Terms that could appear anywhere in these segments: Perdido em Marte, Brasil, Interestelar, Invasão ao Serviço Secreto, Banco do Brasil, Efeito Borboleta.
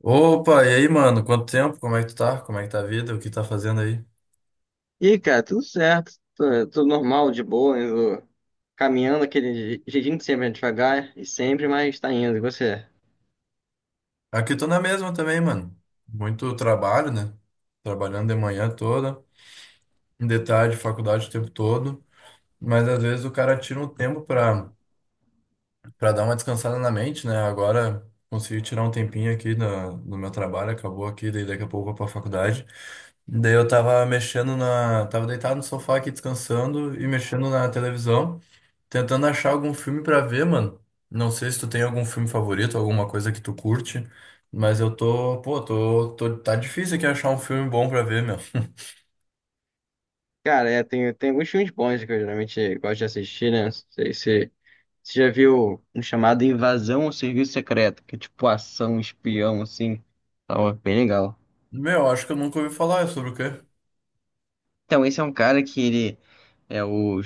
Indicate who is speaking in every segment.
Speaker 1: Opa, e aí, mano? Quanto tempo? Como é que tu tá? Como é que tá a vida? O que tá fazendo aí?
Speaker 2: E aí, cara, tudo certo, tudo normal, de boa, indo, caminhando aquele jeitinho que sempre é devagar e sempre, mas tá indo, e você?
Speaker 1: Aqui eu tô na mesma também, mano. Muito trabalho, né? Trabalhando de manhã toda, de tarde, faculdade o tempo todo. Mas às vezes o cara tira um tempo pra dar uma descansada na mente, né? Agora consegui tirar um tempinho aqui no meu trabalho, acabou aqui, daí daqui a pouco eu vou pra faculdade. Daí eu tava mexendo na. Tava deitado no sofá aqui descansando e mexendo na televisão. Tentando achar algum filme pra ver, mano. Não sei se tu tem algum filme favorito, alguma coisa que tu curte, mas eu tô, pô, tô, tá difícil aqui achar um filme bom pra ver, meu.
Speaker 2: Cara, é, tem alguns filmes bons que eu geralmente gosto de assistir, né? Não sei se você já viu um chamado Invasão ao Serviço Secreto, que é tipo ação, espião, assim, tava bem legal.
Speaker 1: Meu, acho que eu nunca ouvi falar, é sobre o quê?
Speaker 2: Então, esse é um cara que ele é o,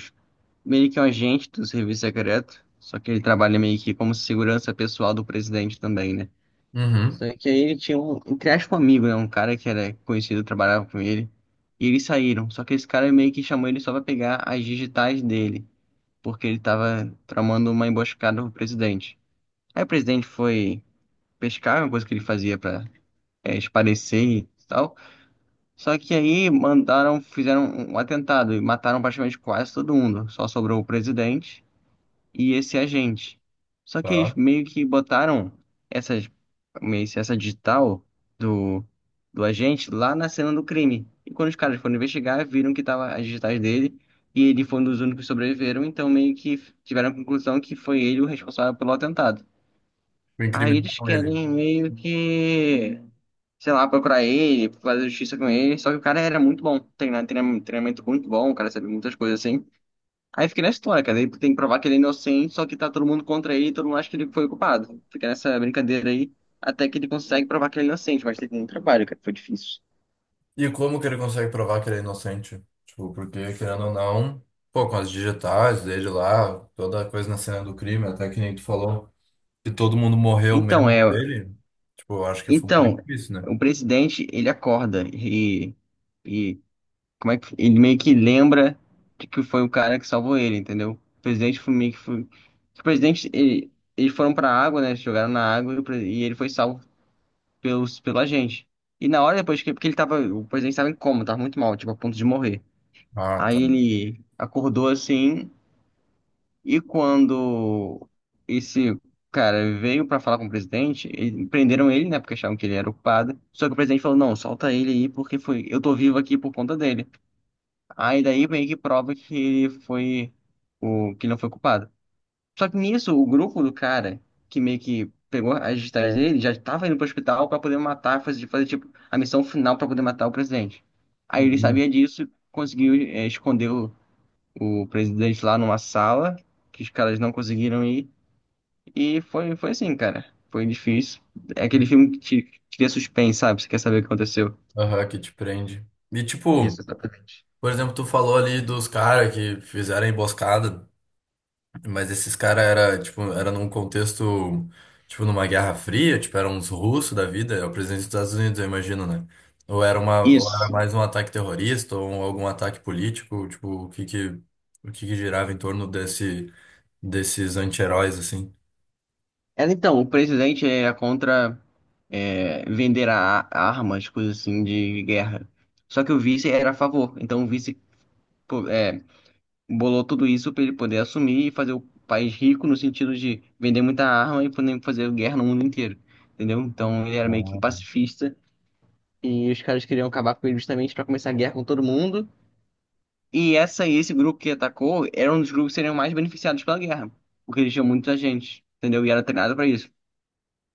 Speaker 2: meio que um agente do Serviço Secreto, só que ele trabalha meio que como segurança pessoal do presidente também, né?
Speaker 1: Uhum.
Speaker 2: Só que aí ele tinha um, entre aspas, um amigo, né? Um cara que era conhecido, trabalhava com ele. E eles saíram. Só que esse cara meio que chamou ele só pra pegar as digitais dele, porque ele tava tramando uma emboscada pro presidente. Aí o presidente foi pescar, uma coisa que ele fazia pra, é, espairecer e tal. Só que aí mandaram, fizeram um atentado e mataram praticamente quase todo mundo. Só sobrou o presidente e esse agente. Só que eles
Speaker 1: Tá.
Speaker 2: meio que botaram essas, meio que essa digital do, do agente lá na cena do crime. E quando os caras foram investigar, viram que tava as digitais dele e ele foi um dos únicos que sobreviveram, então meio que tiveram a conclusão que foi ele o responsável pelo atentado. Aí eles
Speaker 1: Incriminaram ele.
Speaker 2: querem meio que, sei lá, procurar ele, fazer justiça com ele, só que o cara era muito bom, treinamento, treinamento muito bom, o cara sabia muitas coisas assim. Aí fica nessa história, cara. Ele tem que provar que ele é inocente, só que tá todo mundo contra ele, todo mundo acha que ele foi o culpado. Fica nessa brincadeira aí, até que ele consegue provar que ele é inocente, mas teve muito trabalho, cara, foi difícil.
Speaker 1: E como que ele consegue provar que ele é inocente? Tipo, porque, querendo ou não, pô, com as digitais dele lá, toda a coisa na cena do crime, até que nem tu falou que todo mundo morreu
Speaker 2: Então,
Speaker 1: menos
Speaker 2: é.
Speaker 1: ele, tipo, eu acho que foi muito
Speaker 2: Então,
Speaker 1: difícil, né?
Speaker 2: o presidente, ele acorda e. E. Como é que. Ele meio que lembra de que foi o cara que salvou ele, entendeu? O presidente foi meio que. Foi, o presidente, ele, eles foram pra água, né? Eles jogaram na água e o e ele foi salvo pela gente. E na hora depois que porque ele tava, o presidente estava em coma, tava muito mal, tipo, a ponto de morrer.
Speaker 1: Ah, tá.
Speaker 2: Aí ele acordou assim, e quando esse cara veio pra falar com o presidente, prenderam ele, né, porque achavam que ele era o culpado. Só que o presidente falou: "Não, solta ele aí porque foi, eu tô vivo aqui por conta dele". Aí daí meio que prova que ele foi o que ele não foi culpado. Só que nisso, o grupo do cara, que meio que pegou as digitais dele, já tava indo pro hospital pra poder matar, fazer, tipo, a missão final pra poder matar o presidente. Aí ele sabia disso, conseguiu, é, esconder o presidente lá numa sala, que os caras não conseguiram ir. E foi, foi assim, cara. Foi difícil. É aquele filme que te cria suspense, sabe? Você quer saber o que aconteceu.
Speaker 1: Aham, que te prende. E tipo,
Speaker 2: Isso, exatamente.
Speaker 1: por exemplo, tu falou ali dos caras que fizeram a emboscada, mas esses caras era, tipo, era num contexto, tipo, numa Guerra Fria, tipo, eram uns russos da vida, é o presidente dos Estados Unidos, eu imagino, né? Ou era uma, ou era
Speaker 2: Isso.
Speaker 1: mais um ataque terrorista, ou algum ataque político, tipo, o que que girava em torno desse, desses anti-heróis, assim?
Speaker 2: Ela, então, o presidente é contra, é, vender armas, coisas assim, de guerra. Só que o vice era a favor. Então o vice, pô, é, bolou tudo isso para ele poder assumir e fazer o país rico no sentido de vender muita arma e poder fazer guerra no mundo inteiro. Entendeu? Então ele era meio que
Speaker 1: Ah.
Speaker 2: pacifista e os caras queriam acabar com ele justamente para começar a guerra com todo mundo. E esse grupo que atacou era um dos grupos que seriam mais beneficiados pela guerra, porque eles tinham muita gente, entendeu? E era treinado para isso.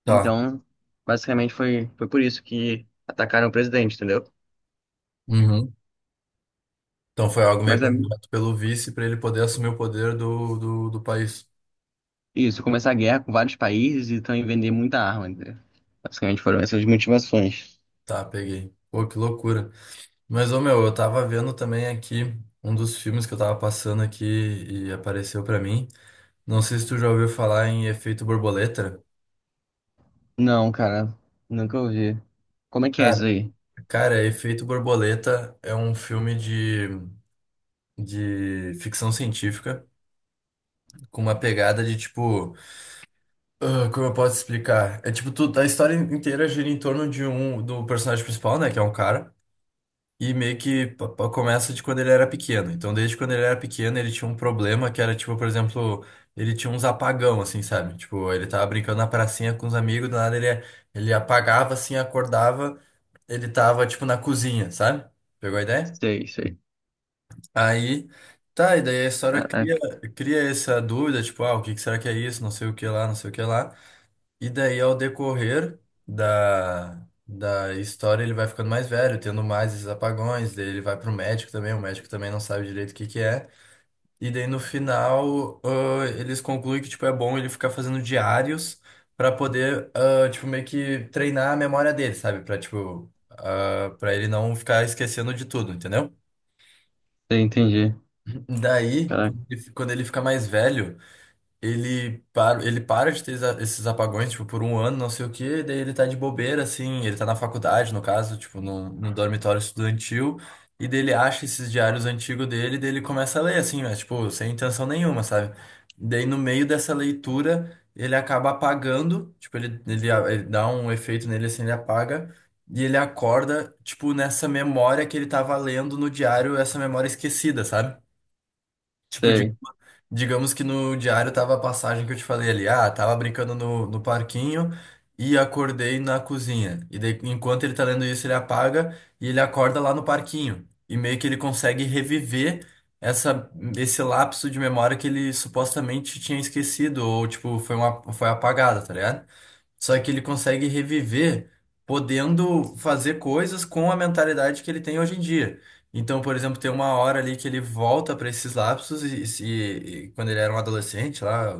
Speaker 1: Tá.
Speaker 2: Então, basicamente foi, foi por isso que atacaram o presidente, entendeu?
Speaker 1: Uhum. Então foi algo meio
Speaker 2: Mas é
Speaker 1: planejado pelo vice para ele poder assumir o poder do, do país.
Speaker 2: isso, começar a guerra com vários países e também vender muita arma, entendeu? Basicamente foram essas motivações.
Speaker 1: Tá, peguei. Pô, que loucura. Mas, ô meu, eu tava vendo também aqui um dos filmes que eu tava passando aqui e apareceu pra mim. Não sei se tu já ouviu falar em Efeito Borboleta.
Speaker 2: Não, cara, nunca ouvi. Como é que é isso
Speaker 1: Cara,
Speaker 2: aí?
Speaker 1: cara, Efeito Borboleta é um filme de ficção científica com uma pegada de tipo. Ah, como eu posso explicar? É tipo, tu, a história inteira gira em torno de um do personagem principal, né? Que é um cara. E meio que começa de quando ele era pequeno. Então, desde quando ele era pequeno, ele tinha um problema que era, tipo, por exemplo, ele tinha uns apagão, assim, sabe? Tipo, ele tava brincando na pracinha com os amigos, do nada ele, ele apagava, assim, acordava, ele tava, tipo, na cozinha, sabe? Pegou a ideia?
Speaker 2: Sei, sei.
Speaker 1: Aí, tá, e daí a história
Speaker 2: Caraca,
Speaker 1: cria essa dúvida, tipo, ah, o que que será que é isso? Não sei o que lá, não sei o que lá. E daí, ao decorrer da história, ele vai ficando mais velho, tendo mais esses apagões. Daí ele vai pro médico também, o médico também não sabe direito o que que é. E daí, no final, eles concluem que, tipo, é bom ele ficar fazendo diários pra poder, tipo, meio que treinar a memória dele, sabe? Pra, tipo, pra ele não ficar esquecendo de tudo, entendeu?
Speaker 2: sei, entendi.
Speaker 1: Daí,
Speaker 2: Caraca,
Speaker 1: quando ele fica mais velho... ele para de ter esses apagões, tipo, por um ano, não sei o quê, daí ele tá de bobeira, assim, ele tá na faculdade, no caso, tipo, no dormitório estudantil, e daí ele acha esses diários antigos dele, daí ele começa a ler, assim, mas, tipo, sem intenção nenhuma, sabe? Daí no meio dessa leitura, ele acaba apagando, tipo, ele dá um efeito nele, assim, ele apaga, e ele acorda, tipo, nessa memória que ele tava lendo no diário, essa memória esquecida, sabe? Tipo,
Speaker 2: sei.
Speaker 1: digamos que no diário tava a passagem que eu te falei ali. Ah, tava brincando no, no parquinho e acordei na cozinha. E daí, enquanto ele tá lendo isso, ele apaga e ele acorda lá no parquinho. E meio que ele consegue reviver esse lapso de memória que ele supostamente tinha esquecido, ou tipo, foi uma, foi apagada, tá ligado? Só que ele consegue reviver podendo fazer coisas com a mentalidade que ele tem hoje em dia. Então, por exemplo, tem uma hora ali que ele volta para esses lapsos e, se- e quando ele era um adolescente lá,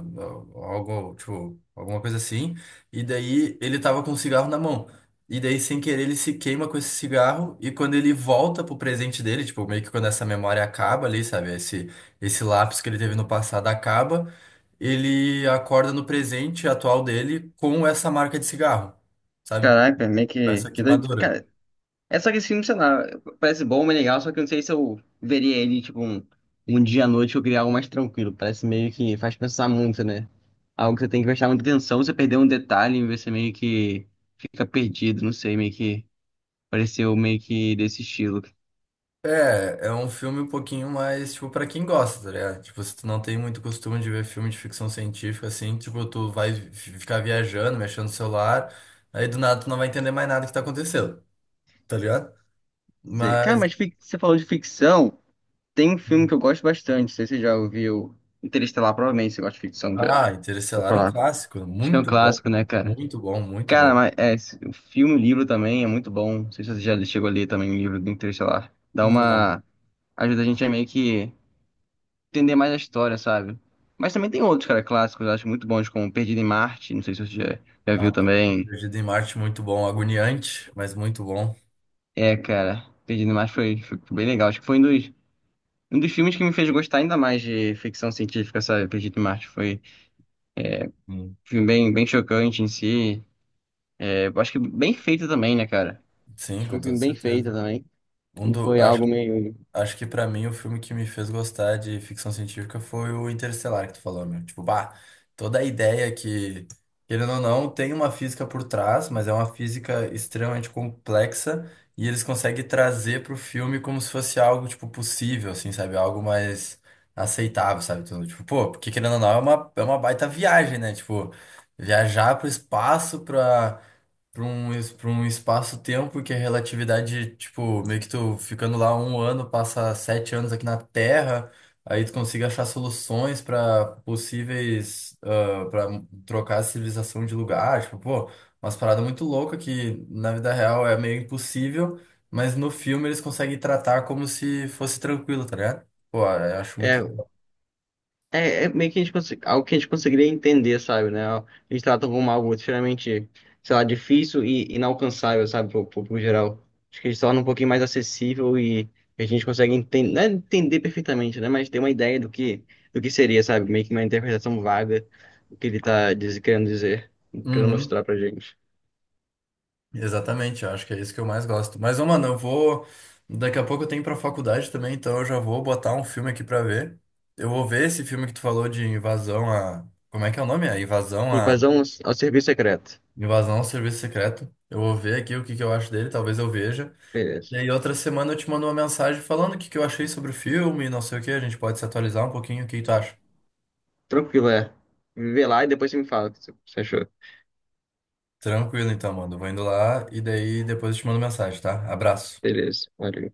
Speaker 1: algo, tipo, alguma coisa assim, e daí ele tava com um cigarro na mão. E daí, sem querer, ele se queima com esse cigarro e quando ele volta pro presente dele, tipo, meio que quando essa memória acaba ali, sabe? Esse lapso que ele teve no passado acaba, ele acorda no presente atual dele com essa marca de cigarro, sabe?
Speaker 2: Caraca, meio
Speaker 1: Com essa
Speaker 2: que doido.
Speaker 1: queimadura.
Speaker 2: Cara, é, só que esse filme, sei lá, parece bom, é legal, só que eu não sei se eu veria ele, tipo, um dia à noite ou criar algo mais tranquilo. Parece meio que faz pensar muito, né? Algo que você tem que prestar muita atenção, você perder um detalhe, você meio que fica perdido, não sei, meio que pareceu meio que desse estilo.
Speaker 1: É, é um filme um pouquinho mais, tipo, pra quem gosta, tá ligado? Tipo, se tu não tem muito costume de ver filme de ficção científica, assim, tipo, tu vai ficar viajando, mexendo no celular, aí do nada tu não vai entender mais nada que tá acontecendo, tá ligado?
Speaker 2: Sei. Cara,
Speaker 1: Mas,
Speaker 2: mas você falou de ficção, tem um filme que eu gosto bastante, não sei se você já ouviu Interestelar, provavelmente você gosta de ficção, já
Speaker 1: ah,
Speaker 2: vou
Speaker 1: Interestelar é um
Speaker 2: falar.
Speaker 1: clássico,
Speaker 2: Acho que é um
Speaker 1: muito bom,
Speaker 2: clássico, né, cara?
Speaker 1: muito bom, muito
Speaker 2: Cara,
Speaker 1: bom.
Speaker 2: mas é, o filme, o livro também é muito bom. Não sei se você já chegou a ler também o livro do Interestelar. Dá
Speaker 1: Não,
Speaker 2: uma. Ajuda a gente a meio que entender mais a história, sabe? Mas também tem outros, cara, clássicos, eu acho muito bons, como Perdido em Marte. Não sei se você já, já
Speaker 1: ah,
Speaker 2: viu também.
Speaker 1: Perdido em Marte, muito bom, agoniante, mas muito bom.
Speaker 2: É, cara, Perdido em Marte foi, foi bem legal. Acho que foi um dos filmes que me fez gostar ainda mais de ficção científica, sabe? Perdido em Marte foi
Speaker 1: Hum.
Speaker 2: um filme bem, bem chocante em si. É, eu acho que bem feito também, né, cara?
Speaker 1: Sim,
Speaker 2: Acho que foi
Speaker 1: com
Speaker 2: um
Speaker 1: toda
Speaker 2: filme bem feito
Speaker 1: certeza.
Speaker 2: também.
Speaker 1: Um
Speaker 2: E
Speaker 1: do,
Speaker 2: foi
Speaker 1: acho,
Speaker 2: algo meio.
Speaker 1: acho que pra mim o filme que me fez gostar de ficção científica foi o Interestelar que tu falou, meu. Tipo, bah, toda a ideia que, querendo ou não, tem uma física por trás, mas é uma física extremamente complexa e eles conseguem trazer pro filme como se fosse algo, tipo, possível, assim, sabe? Algo mais aceitável, sabe? Então, tipo, pô, porque querendo ou não, é uma baita viagem, né? Tipo, viajar pro espaço pra pra um espaço-tempo que é relatividade, tipo, meio que tu ficando lá um ano, passa sete anos aqui na Terra, aí tu consiga achar soluções para possíveis, para trocar a civilização de lugar, tipo, pô, umas paradas muito loucas que na vida real é meio impossível, mas no filme eles conseguem tratar como se fosse tranquilo, tá ligado? Pô, eu acho muito
Speaker 2: É, é, é meio que a gente algo que a gente conseguiria entender, sabe, né? A gente trata como algo extremamente, sei lá, difícil e inalcançável, sabe, pro público geral. Acho que a gente tornam um pouquinho mais acessível e a gente consegue entender, não é entender perfeitamente, né? Mas ter uma ideia do que seria, sabe? Meio que uma interpretação vaga do que ele tá querendo dizer, querendo mostrar
Speaker 1: legal.
Speaker 2: pra gente.
Speaker 1: Exatamente, eu acho que é isso que eu mais gosto. Mas, ô, mano, eu vou. Daqui a pouco eu tenho pra faculdade também, então eu já vou botar um filme aqui pra ver. Eu vou ver esse filme que tu falou de invasão a. Como é que é o nome? A.
Speaker 2: Invasão ao serviço secreto.
Speaker 1: Invasão ao Serviço Secreto. Eu vou ver aqui o que que eu acho dele, talvez eu veja.
Speaker 2: Beleza.
Speaker 1: E aí, outra semana eu te mando uma mensagem falando o que que eu achei sobre o filme, não sei o que, a gente pode se atualizar um pouquinho, o que que tu acha?
Speaker 2: Tranquilo, é. Vê lá e depois você me fala o que você achou.
Speaker 1: Tranquilo, então, mano. Eu vou indo lá e daí depois eu te mando mensagem, tá? Abraço.
Speaker 2: Beleza. Valeu.